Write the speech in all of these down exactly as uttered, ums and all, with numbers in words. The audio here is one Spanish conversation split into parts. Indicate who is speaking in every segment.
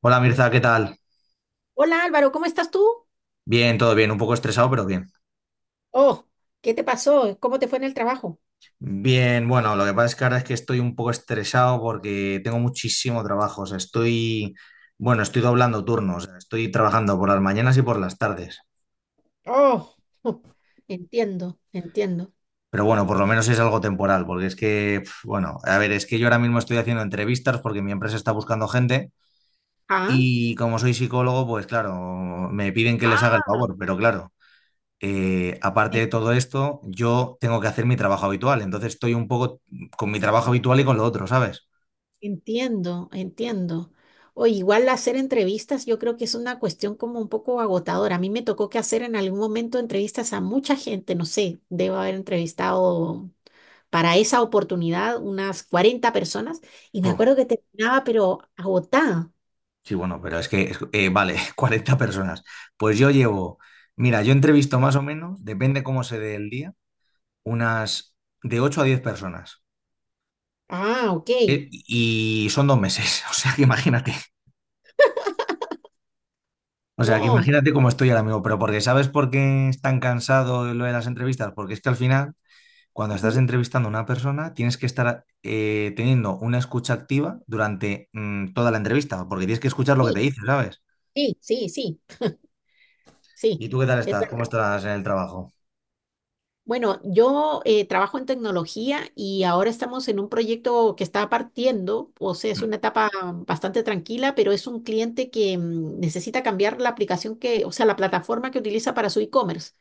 Speaker 1: Hola Mirza, ¿qué tal?
Speaker 2: Hola Álvaro, ¿cómo estás tú?
Speaker 1: Bien, todo bien, un poco estresado, pero bien.
Speaker 2: Oh, ¿qué te pasó? ¿Cómo te fue en el trabajo?
Speaker 1: Bien, bueno, lo que pasa es que ahora es que estoy un poco estresado porque tengo muchísimo trabajo. O sea, estoy, bueno, estoy doblando turnos, o sea, estoy trabajando por las mañanas y por las tardes.
Speaker 2: Oh, entiendo, entiendo.
Speaker 1: Pero bueno, por lo menos es algo temporal, porque es que, pf, bueno, a ver, es que yo ahora mismo estoy haciendo entrevistas porque mi empresa está buscando gente
Speaker 2: Ah,
Speaker 1: y como soy psicólogo, pues claro, me piden que les haga el
Speaker 2: ah,
Speaker 1: favor, pero claro, eh, aparte
Speaker 2: en-
Speaker 1: de todo esto, yo tengo que hacer mi trabajo habitual, entonces estoy un poco con mi trabajo habitual y con lo otro, ¿sabes?
Speaker 2: entiendo, entiendo. O igual hacer entrevistas, yo creo que es una cuestión como un poco agotadora. A mí me tocó que hacer en algún momento entrevistas a mucha gente, no sé, debo haber entrevistado para esa oportunidad unas cuarenta personas y me
Speaker 1: Puf,
Speaker 2: acuerdo que terminaba pero agotada.
Speaker 1: sí, bueno, pero es que, es- eh, vale, cuarenta personas. Pues yo llevo, mira, yo entrevisto más o menos, depende cómo se dé el día, unas de ocho a diez personas.
Speaker 2: Ah, ok.
Speaker 1: Eh, Y son dos meses, o sea que imagínate. O sea que
Speaker 2: No.
Speaker 1: imagínate cómo estoy ahora mismo, pero porque ¿sabes por qué es tan cansado lo de las entrevistas? Porque es que al final, cuando estás
Speaker 2: Ujú.
Speaker 1: entrevistando a una persona, tienes que estar eh, teniendo una escucha activa durante mm, toda la entrevista, porque tienes que escuchar lo que te
Speaker 2: Sí,
Speaker 1: dice, ¿sabes?
Speaker 2: sí, sí, sí. Sí,
Speaker 1: ¿Y tú qué tal
Speaker 2: es
Speaker 1: estás? ¿Cómo
Speaker 2: verdad.
Speaker 1: estás en el trabajo?
Speaker 2: Bueno, yo eh, trabajo en tecnología y ahora estamos en un proyecto que está partiendo, o sea, es una etapa bastante tranquila, pero es un cliente que mm, necesita cambiar la aplicación que, o sea, la plataforma que utiliza para su e-commerce.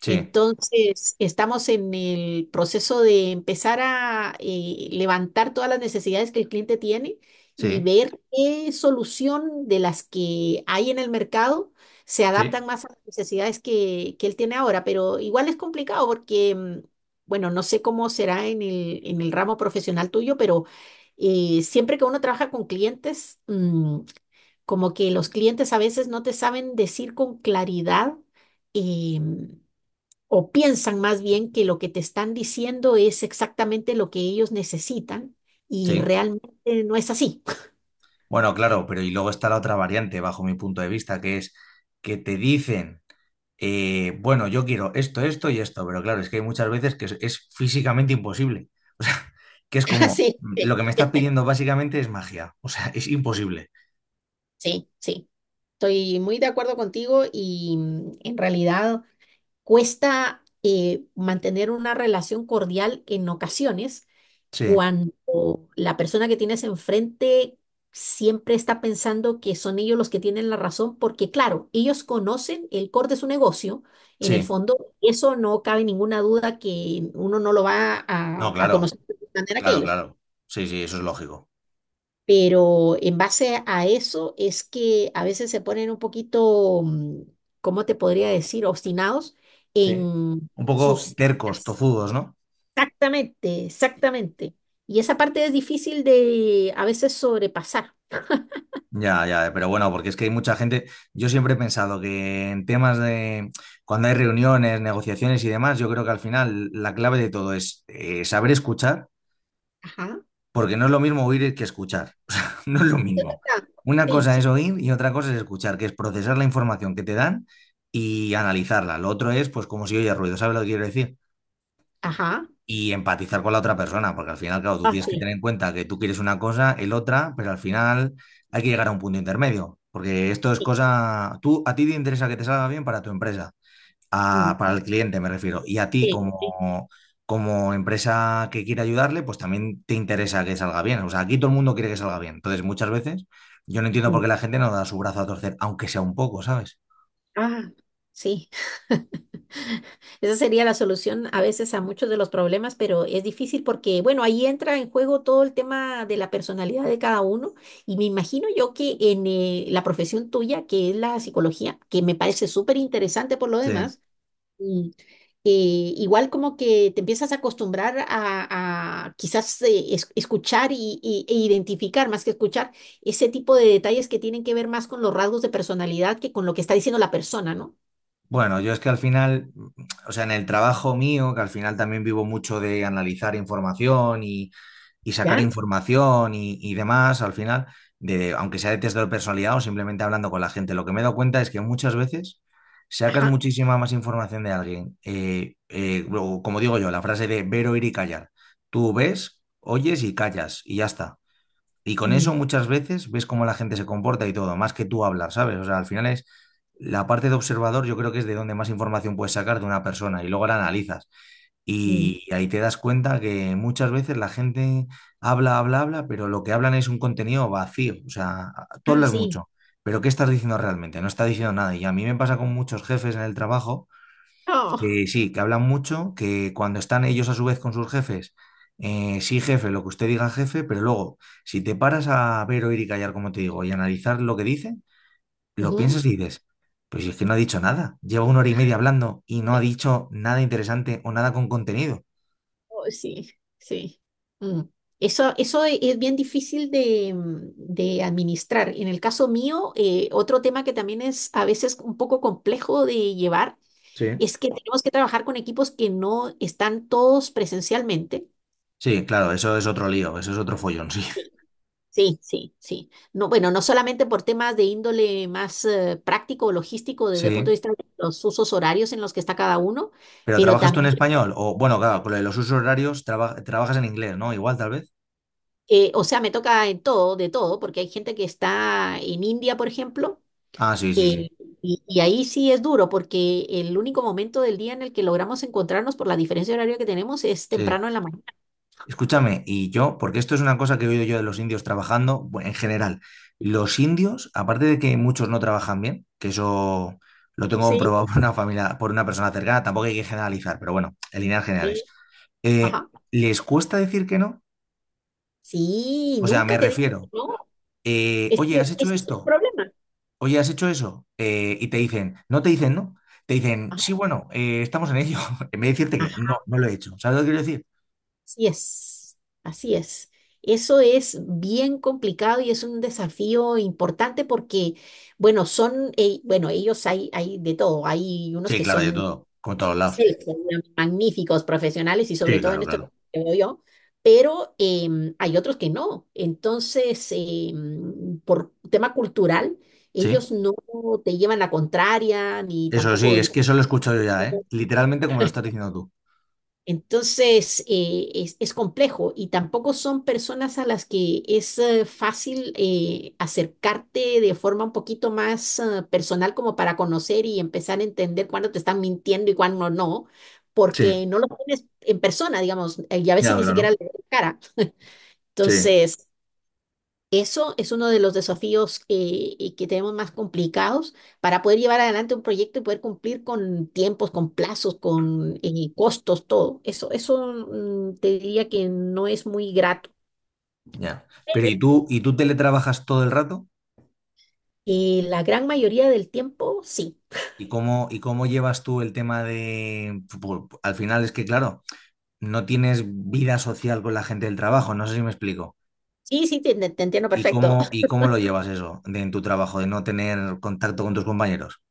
Speaker 1: Sí,
Speaker 2: Entonces, estamos en el proceso de empezar a eh, levantar todas las necesidades que el cliente tiene y
Speaker 1: sí,
Speaker 2: ver qué solución de las que hay en el mercado se
Speaker 1: sí,
Speaker 2: adaptan más a las necesidades que, que él tiene ahora, pero igual es complicado porque, mm, bueno, no sé cómo será en el, en el ramo profesional tuyo, pero eh, siempre que uno trabaja con clientes, mm, como que los clientes a veces no te saben decir con claridad, eh, o piensan más bien que lo que te están diciendo es exactamente lo que ellos necesitan y
Speaker 1: sí.
Speaker 2: realmente no es así.
Speaker 1: Bueno, claro, pero y luego está la otra variante, bajo mi punto de vista, que es que te dicen, eh, bueno, yo quiero esto, esto y esto, pero claro, es que hay muchas veces que es, es físicamente imposible. O sea, que es como,
Speaker 2: Sí,
Speaker 1: mm, lo
Speaker 2: sí,
Speaker 1: que me estás pidiendo básicamente es magia, o sea, es imposible.
Speaker 2: sí, sí. Estoy muy de acuerdo contigo y, mm, en realidad cuesta, eh, mantener una relación cordial en ocasiones
Speaker 1: Sí,
Speaker 2: cuando la persona que tienes enfrente siempre está pensando que son ellos los que tienen la razón, porque claro, ellos conocen el core de su negocio, en el
Speaker 1: sí.
Speaker 2: fondo, eso no cabe ninguna duda que uno no lo va
Speaker 1: No,
Speaker 2: a, a
Speaker 1: claro,
Speaker 2: conocer de manera que
Speaker 1: claro,
Speaker 2: ellos.
Speaker 1: claro. Sí, sí, eso es lógico.
Speaker 2: Pero en base a eso es que a veces se ponen un poquito, mm, ¿cómo te podría decir?, obstinados
Speaker 1: Sí.
Speaker 2: en
Speaker 1: Un poco
Speaker 2: sus...
Speaker 1: tercos, tozudos, ¿no?
Speaker 2: Exactamente, exactamente. Y esa parte es difícil de a veces sobrepasar.
Speaker 1: Ya, ya, pero bueno, porque es que hay mucha gente. Yo siempre he pensado que en temas de cuando hay reuniones, negociaciones y demás, yo creo que al final la clave de todo es eh, saber escuchar,
Speaker 2: Ajá.
Speaker 1: porque no es lo mismo oír que escuchar. O sea, no es lo
Speaker 2: Es
Speaker 1: mismo.
Speaker 2: verdad.
Speaker 1: Una
Speaker 2: Sí,
Speaker 1: cosa es
Speaker 2: sí.
Speaker 1: oír y otra cosa es escuchar, que es procesar la información que te dan y analizarla. Lo otro es, pues, como si oye ruido, ¿sabes lo que quiero decir?
Speaker 2: Ajá.
Speaker 1: Y empatizar con la otra persona, porque al final, claro, tú
Speaker 2: Ah,
Speaker 1: tienes que
Speaker 2: sí.
Speaker 1: tener en cuenta que tú quieres una cosa, el otra, pero al final hay que llegar a un punto intermedio, porque esto es
Speaker 2: Sí.
Speaker 1: cosa, tú a ti te interesa que te salga bien para tu empresa, a-
Speaker 2: Mm,
Speaker 1: para el cliente me refiero, y a ti
Speaker 2: sí, sí.
Speaker 1: como como empresa que quiere ayudarle, pues también te interesa que salga bien. O sea, aquí todo el mundo quiere que salga bien. Entonces, muchas veces yo no entiendo por qué la gente no da su brazo a torcer, aunque sea un poco, ¿sabes?
Speaker 2: Ah, sí. Esa sería la solución a veces a muchos de los problemas, pero es difícil porque, bueno, ahí entra en juego todo el tema de la personalidad de cada uno y me imagino yo que en, eh, la profesión tuya, que es la psicología, que me parece súper interesante por lo
Speaker 1: Sí.
Speaker 2: demás. Mm. Eh, igual como que te empiezas a acostumbrar a, a quizás eh, es- escuchar y, y- e identificar, más que escuchar, ese tipo de detalles que tienen que ver más con los rasgos de personalidad que con lo que está diciendo la persona, ¿no?
Speaker 1: Bueno, yo es que al final, o sea, en el trabajo mío, que al final también vivo mucho de analizar información y, y sacar
Speaker 2: ¿Ya?
Speaker 1: información y, y demás, al final, de, aunque sea de test de personalidad o simplemente hablando con la gente, lo que me he dado cuenta es que muchas veces sacas
Speaker 2: Ajá.
Speaker 1: muchísima más información de alguien. Eh, eh, o como digo yo, la frase de ver, oír y callar. Tú ves, oyes y callas y ya está. Y con eso
Speaker 2: Mm,
Speaker 1: muchas veces ves cómo la gente se comporta y todo, más que tú hablar, ¿sabes? O sea, al final es la parte de observador, yo creo que es de donde más información puedes sacar de una persona y luego la analizas.
Speaker 2: mm.
Speaker 1: Y ahí te das cuenta que muchas veces la gente habla, habla, habla, pero lo que hablan es un contenido vacío. O sea, tú
Speaker 2: Ah,
Speaker 1: hablas
Speaker 2: sí.
Speaker 1: mucho, pero ¿qué estás diciendo realmente? No está diciendo nada. Y a mí me pasa con muchos jefes en el trabajo
Speaker 2: Oh,
Speaker 1: que sí, que hablan mucho, que cuando están ellos a su vez con sus jefes, eh, sí, jefe, lo que usted diga, jefe, pero luego, si te paras a ver, oír y callar, como te digo, y analizar lo que dice, lo
Speaker 2: ujú.
Speaker 1: piensas y dices, pues si es que no ha dicho nada, lleva una hora y media hablando y no ha dicho nada interesante o nada con contenido.
Speaker 2: Oh, sí, sí. Mm. Eso, eso e- es bien difícil de, mm, de administrar. En el caso mío, eh, otro tema que también es a veces un poco complejo de llevar
Speaker 1: Sí.
Speaker 2: es que tenemos que trabajar con equipos que no están todos presencialmente.
Speaker 1: Sí, claro, eso es otro lío, eso es otro follón, sí.
Speaker 2: Sí, sí, sí. Sí, no, bueno, no solamente por temas de índole más, eh, práctico o logístico desde el punto de
Speaker 1: Sí.
Speaker 2: vista de los usos horarios en los que está cada uno,
Speaker 1: Pero
Speaker 2: pero
Speaker 1: ¿trabajas tú en
Speaker 2: también,
Speaker 1: español? O bueno, claro, con lo de los usos horarios traba- trabajas en inglés, ¿no? Igual, tal vez.
Speaker 2: eh, o sea, me toca en todo, de todo, porque hay gente que está en India, por ejemplo,
Speaker 1: Ah, sí, sí, sí.
Speaker 2: eh, y, y ahí sí es duro, porque el único momento del día en el que logramos encontrarnos por la diferencia horaria que tenemos es
Speaker 1: Sí.
Speaker 2: temprano en la mañana.
Speaker 1: Escúchame, y yo, porque esto es una cosa que he oído yo de los indios trabajando, bueno, en general, los indios, aparte de que muchos no trabajan bien, que eso lo tengo
Speaker 2: Sí,
Speaker 1: comprobado por una familia, por una persona cercana, tampoco hay que generalizar, pero bueno, en líneas generales,
Speaker 2: sí.
Speaker 1: eh,
Speaker 2: Ajá.
Speaker 1: ¿les cuesta decir que no?
Speaker 2: Sí,
Speaker 1: O sea, me
Speaker 2: nunca te dije que
Speaker 1: refiero,
Speaker 2: no.
Speaker 1: eh,
Speaker 2: Es que
Speaker 1: oye, ¿has hecho
Speaker 2: ese es el
Speaker 1: esto?
Speaker 2: problema.
Speaker 1: Oye, ¿has hecho eso? Eh, y te dicen, no te dicen no, te dicen,
Speaker 2: Ajá,
Speaker 1: sí, bueno, eh, estamos en ello, en vez de decirte que no,
Speaker 2: ajá,
Speaker 1: no lo he hecho. ¿Sabes lo que quiero decir?
Speaker 2: así es, así es. Eso es bien complicado y es un desafío importante porque, bueno, son, eh, bueno, ellos hay, hay de todo. Hay unos
Speaker 1: Sí,
Speaker 2: que
Speaker 1: claro, de
Speaker 2: son
Speaker 1: todo, con todos lados.
Speaker 2: excelsos, magníficos profesionales y sobre
Speaker 1: Sí,
Speaker 2: todo en
Speaker 1: claro,
Speaker 2: esto
Speaker 1: claro.
Speaker 2: que veo yo, pero em, hay otros que no. Entonces, em, por tema cultural,
Speaker 1: Sí.
Speaker 2: ellos no te llevan la contraria ni
Speaker 1: Eso sí,
Speaker 2: tampoco.
Speaker 1: es que eso lo he escuchado yo ya, ¿eh? Literalmente como lo estás diciendo tú.
Speaker 2: Entonces, eh, es, es complejo y tampoco son personas a las que es eh, fácil, eh, acercarte de forma un poquito más, eh, personal como para conocer y empezar a entender cuándo te están mintiendo y cuándo no,
Speaker 1: Sí,
Speaker 2: porque no lo tienes en persona, digamos, eh, y a
Speaker 1: ya,
Speaker 2: veces ni sicara
Speaker 1: claro.
Speaker 2: le ves la cara.
Speaker 1: Sí.
Speaker 2: Entonces, eso es uno de los desafíos, eh, y que tenemos más complicados para poder llevar adelante un proyecto y poder cumplir con tiempos, con plazos, con eh, costos, todo. Eso, eso mm, te diría que no es muy grato.
Speaker 1: Ya. Pero ¿y tú, y tú teletrabajas todo el rato?
Speaker 2: Y la gran mayoría del tiempo, sí.
Speaker 1: ¿Y cómo, y cómo llevas tú el tema de... pu- pu- al final es que, claro, no tienes vida social con la gente del trabajo, no sé si me explico.
Speaker 2: Sí, sí, te, te- te
Speaker 1: ¿Y
Speaker 2: entiendo
Speaker 1: y
Speaker 2: perfecto.
Speaker 1: cómo, y cómo lo llevas eso de, en tu trabajo, de no tener contacto con tus compañeros?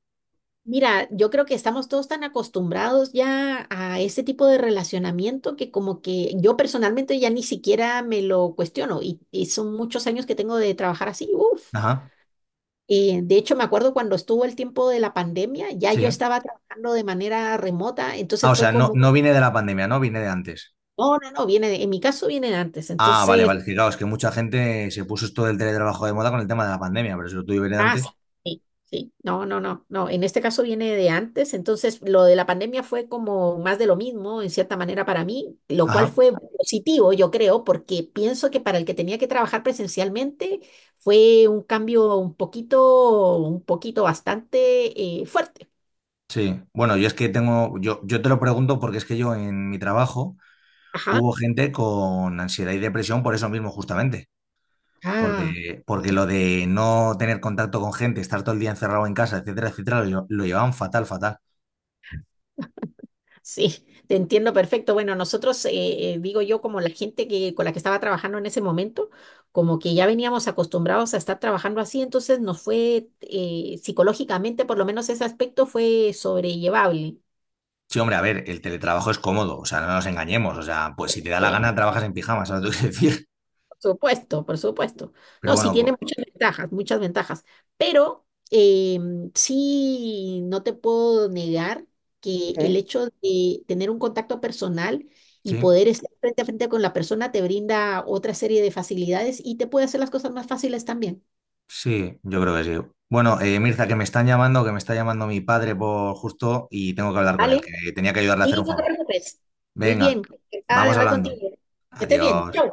Speaker 2: Mira, yo creo que estamos todos tan acostumbrados ya a este tipo de relacionamiento que como que yo personalmente ya ni siquiera me lo cuestiono y, y son muchos años que tengo de trabajar así. Uf.
Speaker 1: Ajá,
Speaker 2: Eh, de hecho, me acuerdo cuando estuvo el tiempo de la pandemia, ya
Speaker 1: sí.
Speaker 2: yo estaba trabajando de manera remota,
Speaker 1: Ah,
Speaker 2: entonces
Speaker 1: o
Speaker 2: fue
Speaker 1: sea, no,
Speaker 2: como,
Speaker 1: no viene de la pandemia, ¿no? Viene de antes.
Speaker 2: no, no, no, viene, de- en mi caso viene de antes,
Speaker 1: Ah, vale,
Speaker 2: entonces,
Speaker 1: vale. Es que claro, es que mucha gente se puso esto del teletrabajo de moda con el tema de la pandemia, pero si lo tuve viene
Speaker 2: ah, sí,
Speaker 1: antes.
Speaker 2: sí, sí, no, no, no, no, en este caso viene de antes, entonces lo de la pandemia fue como más de lo mismo, en cierta manera para mí, lo cual
Speaker 1: Ajá.
Speaker 2: fue positivo, yo creo, porque pienso que para el que tenía que trabajar presencialmente fue un cambio un poquito, un poquito bastante, eh, fuerte.
Speaker 1: Sí. Bueno, yo es que tengo, yo, yo te lo pregunto porque es que yo en mi trabajo
Speaker 2: Ajá.
Speaker 1: hubo gente con ansiedad y depresión por eso mismo, justamente.
Speaker 2: Ah.
Speaker 1: Porque, porque lo de no tener contacto con gente, estar todo el día encerrado en casa, etcétera, etcétera, lo, lle- lo llevaban fatal, fatal.
Speaker 2: Sí, te entiendo perfecto. Bueno, nosotros, eh, eh, digo yo, como la gente que, con la que estaba trabajando en ese momento, como que ya veníamos acostumbrados a estar trabajando así, entonces nos fue, eh, psicológicamente, por lo menos ese aspecto fue sobrellevable.
Speaker 1: Sí, hombre, a ver, el teletrabajo es cómodo, o sea, no nos engañemos. O sea, pues si te da la
Speaker 2: Eh,
Speaker 1: gana, trabajas en pijama, ¿sabes lo que quiero decir?
Speaker 2: Por supuesto, por supuesto.
Speaker 1: Pero
Speaker 2: No, sí
Speaker 1: bueno,
Speaker 2: tiene
Speaker 1: co-
Speaker 2: muchas ventajas, muchas ventajas, pero eh, sí no te puedo negar que el
Speaker 1: Sí.
Speaker 2: hecho de tener un contacto personal y
Speaker 1: Sí.
Speaker 2: poder estar frente a frente con la persona te brinda otra serie de facilidades y te puede hacer las cosas más fáciles también.
Speaker 1: Sí, yo creo que sí. Bueno, eh, Mirza, que me están llamando, que me está llamando mi padre por justo y tengo que hablar con él,
Speaker 2: ¿Vale?
Speaker 1: que tenía que ayudarle a hacer
Speaker 2: Y
Speaker 1: un
Speaker 2: no te
Speaker 1: favor.
Speaker 2: preocupes. Muy
Speaker 1: Venga,
Speaker 2: bien, encantada de
Speaker 1: vamos
Speaker 2: hablar contigo.
Speaker 1: hablando.
Speaker 2: Que estés bien.
Speaker 1: Adiós.
Speaker 2: Chau.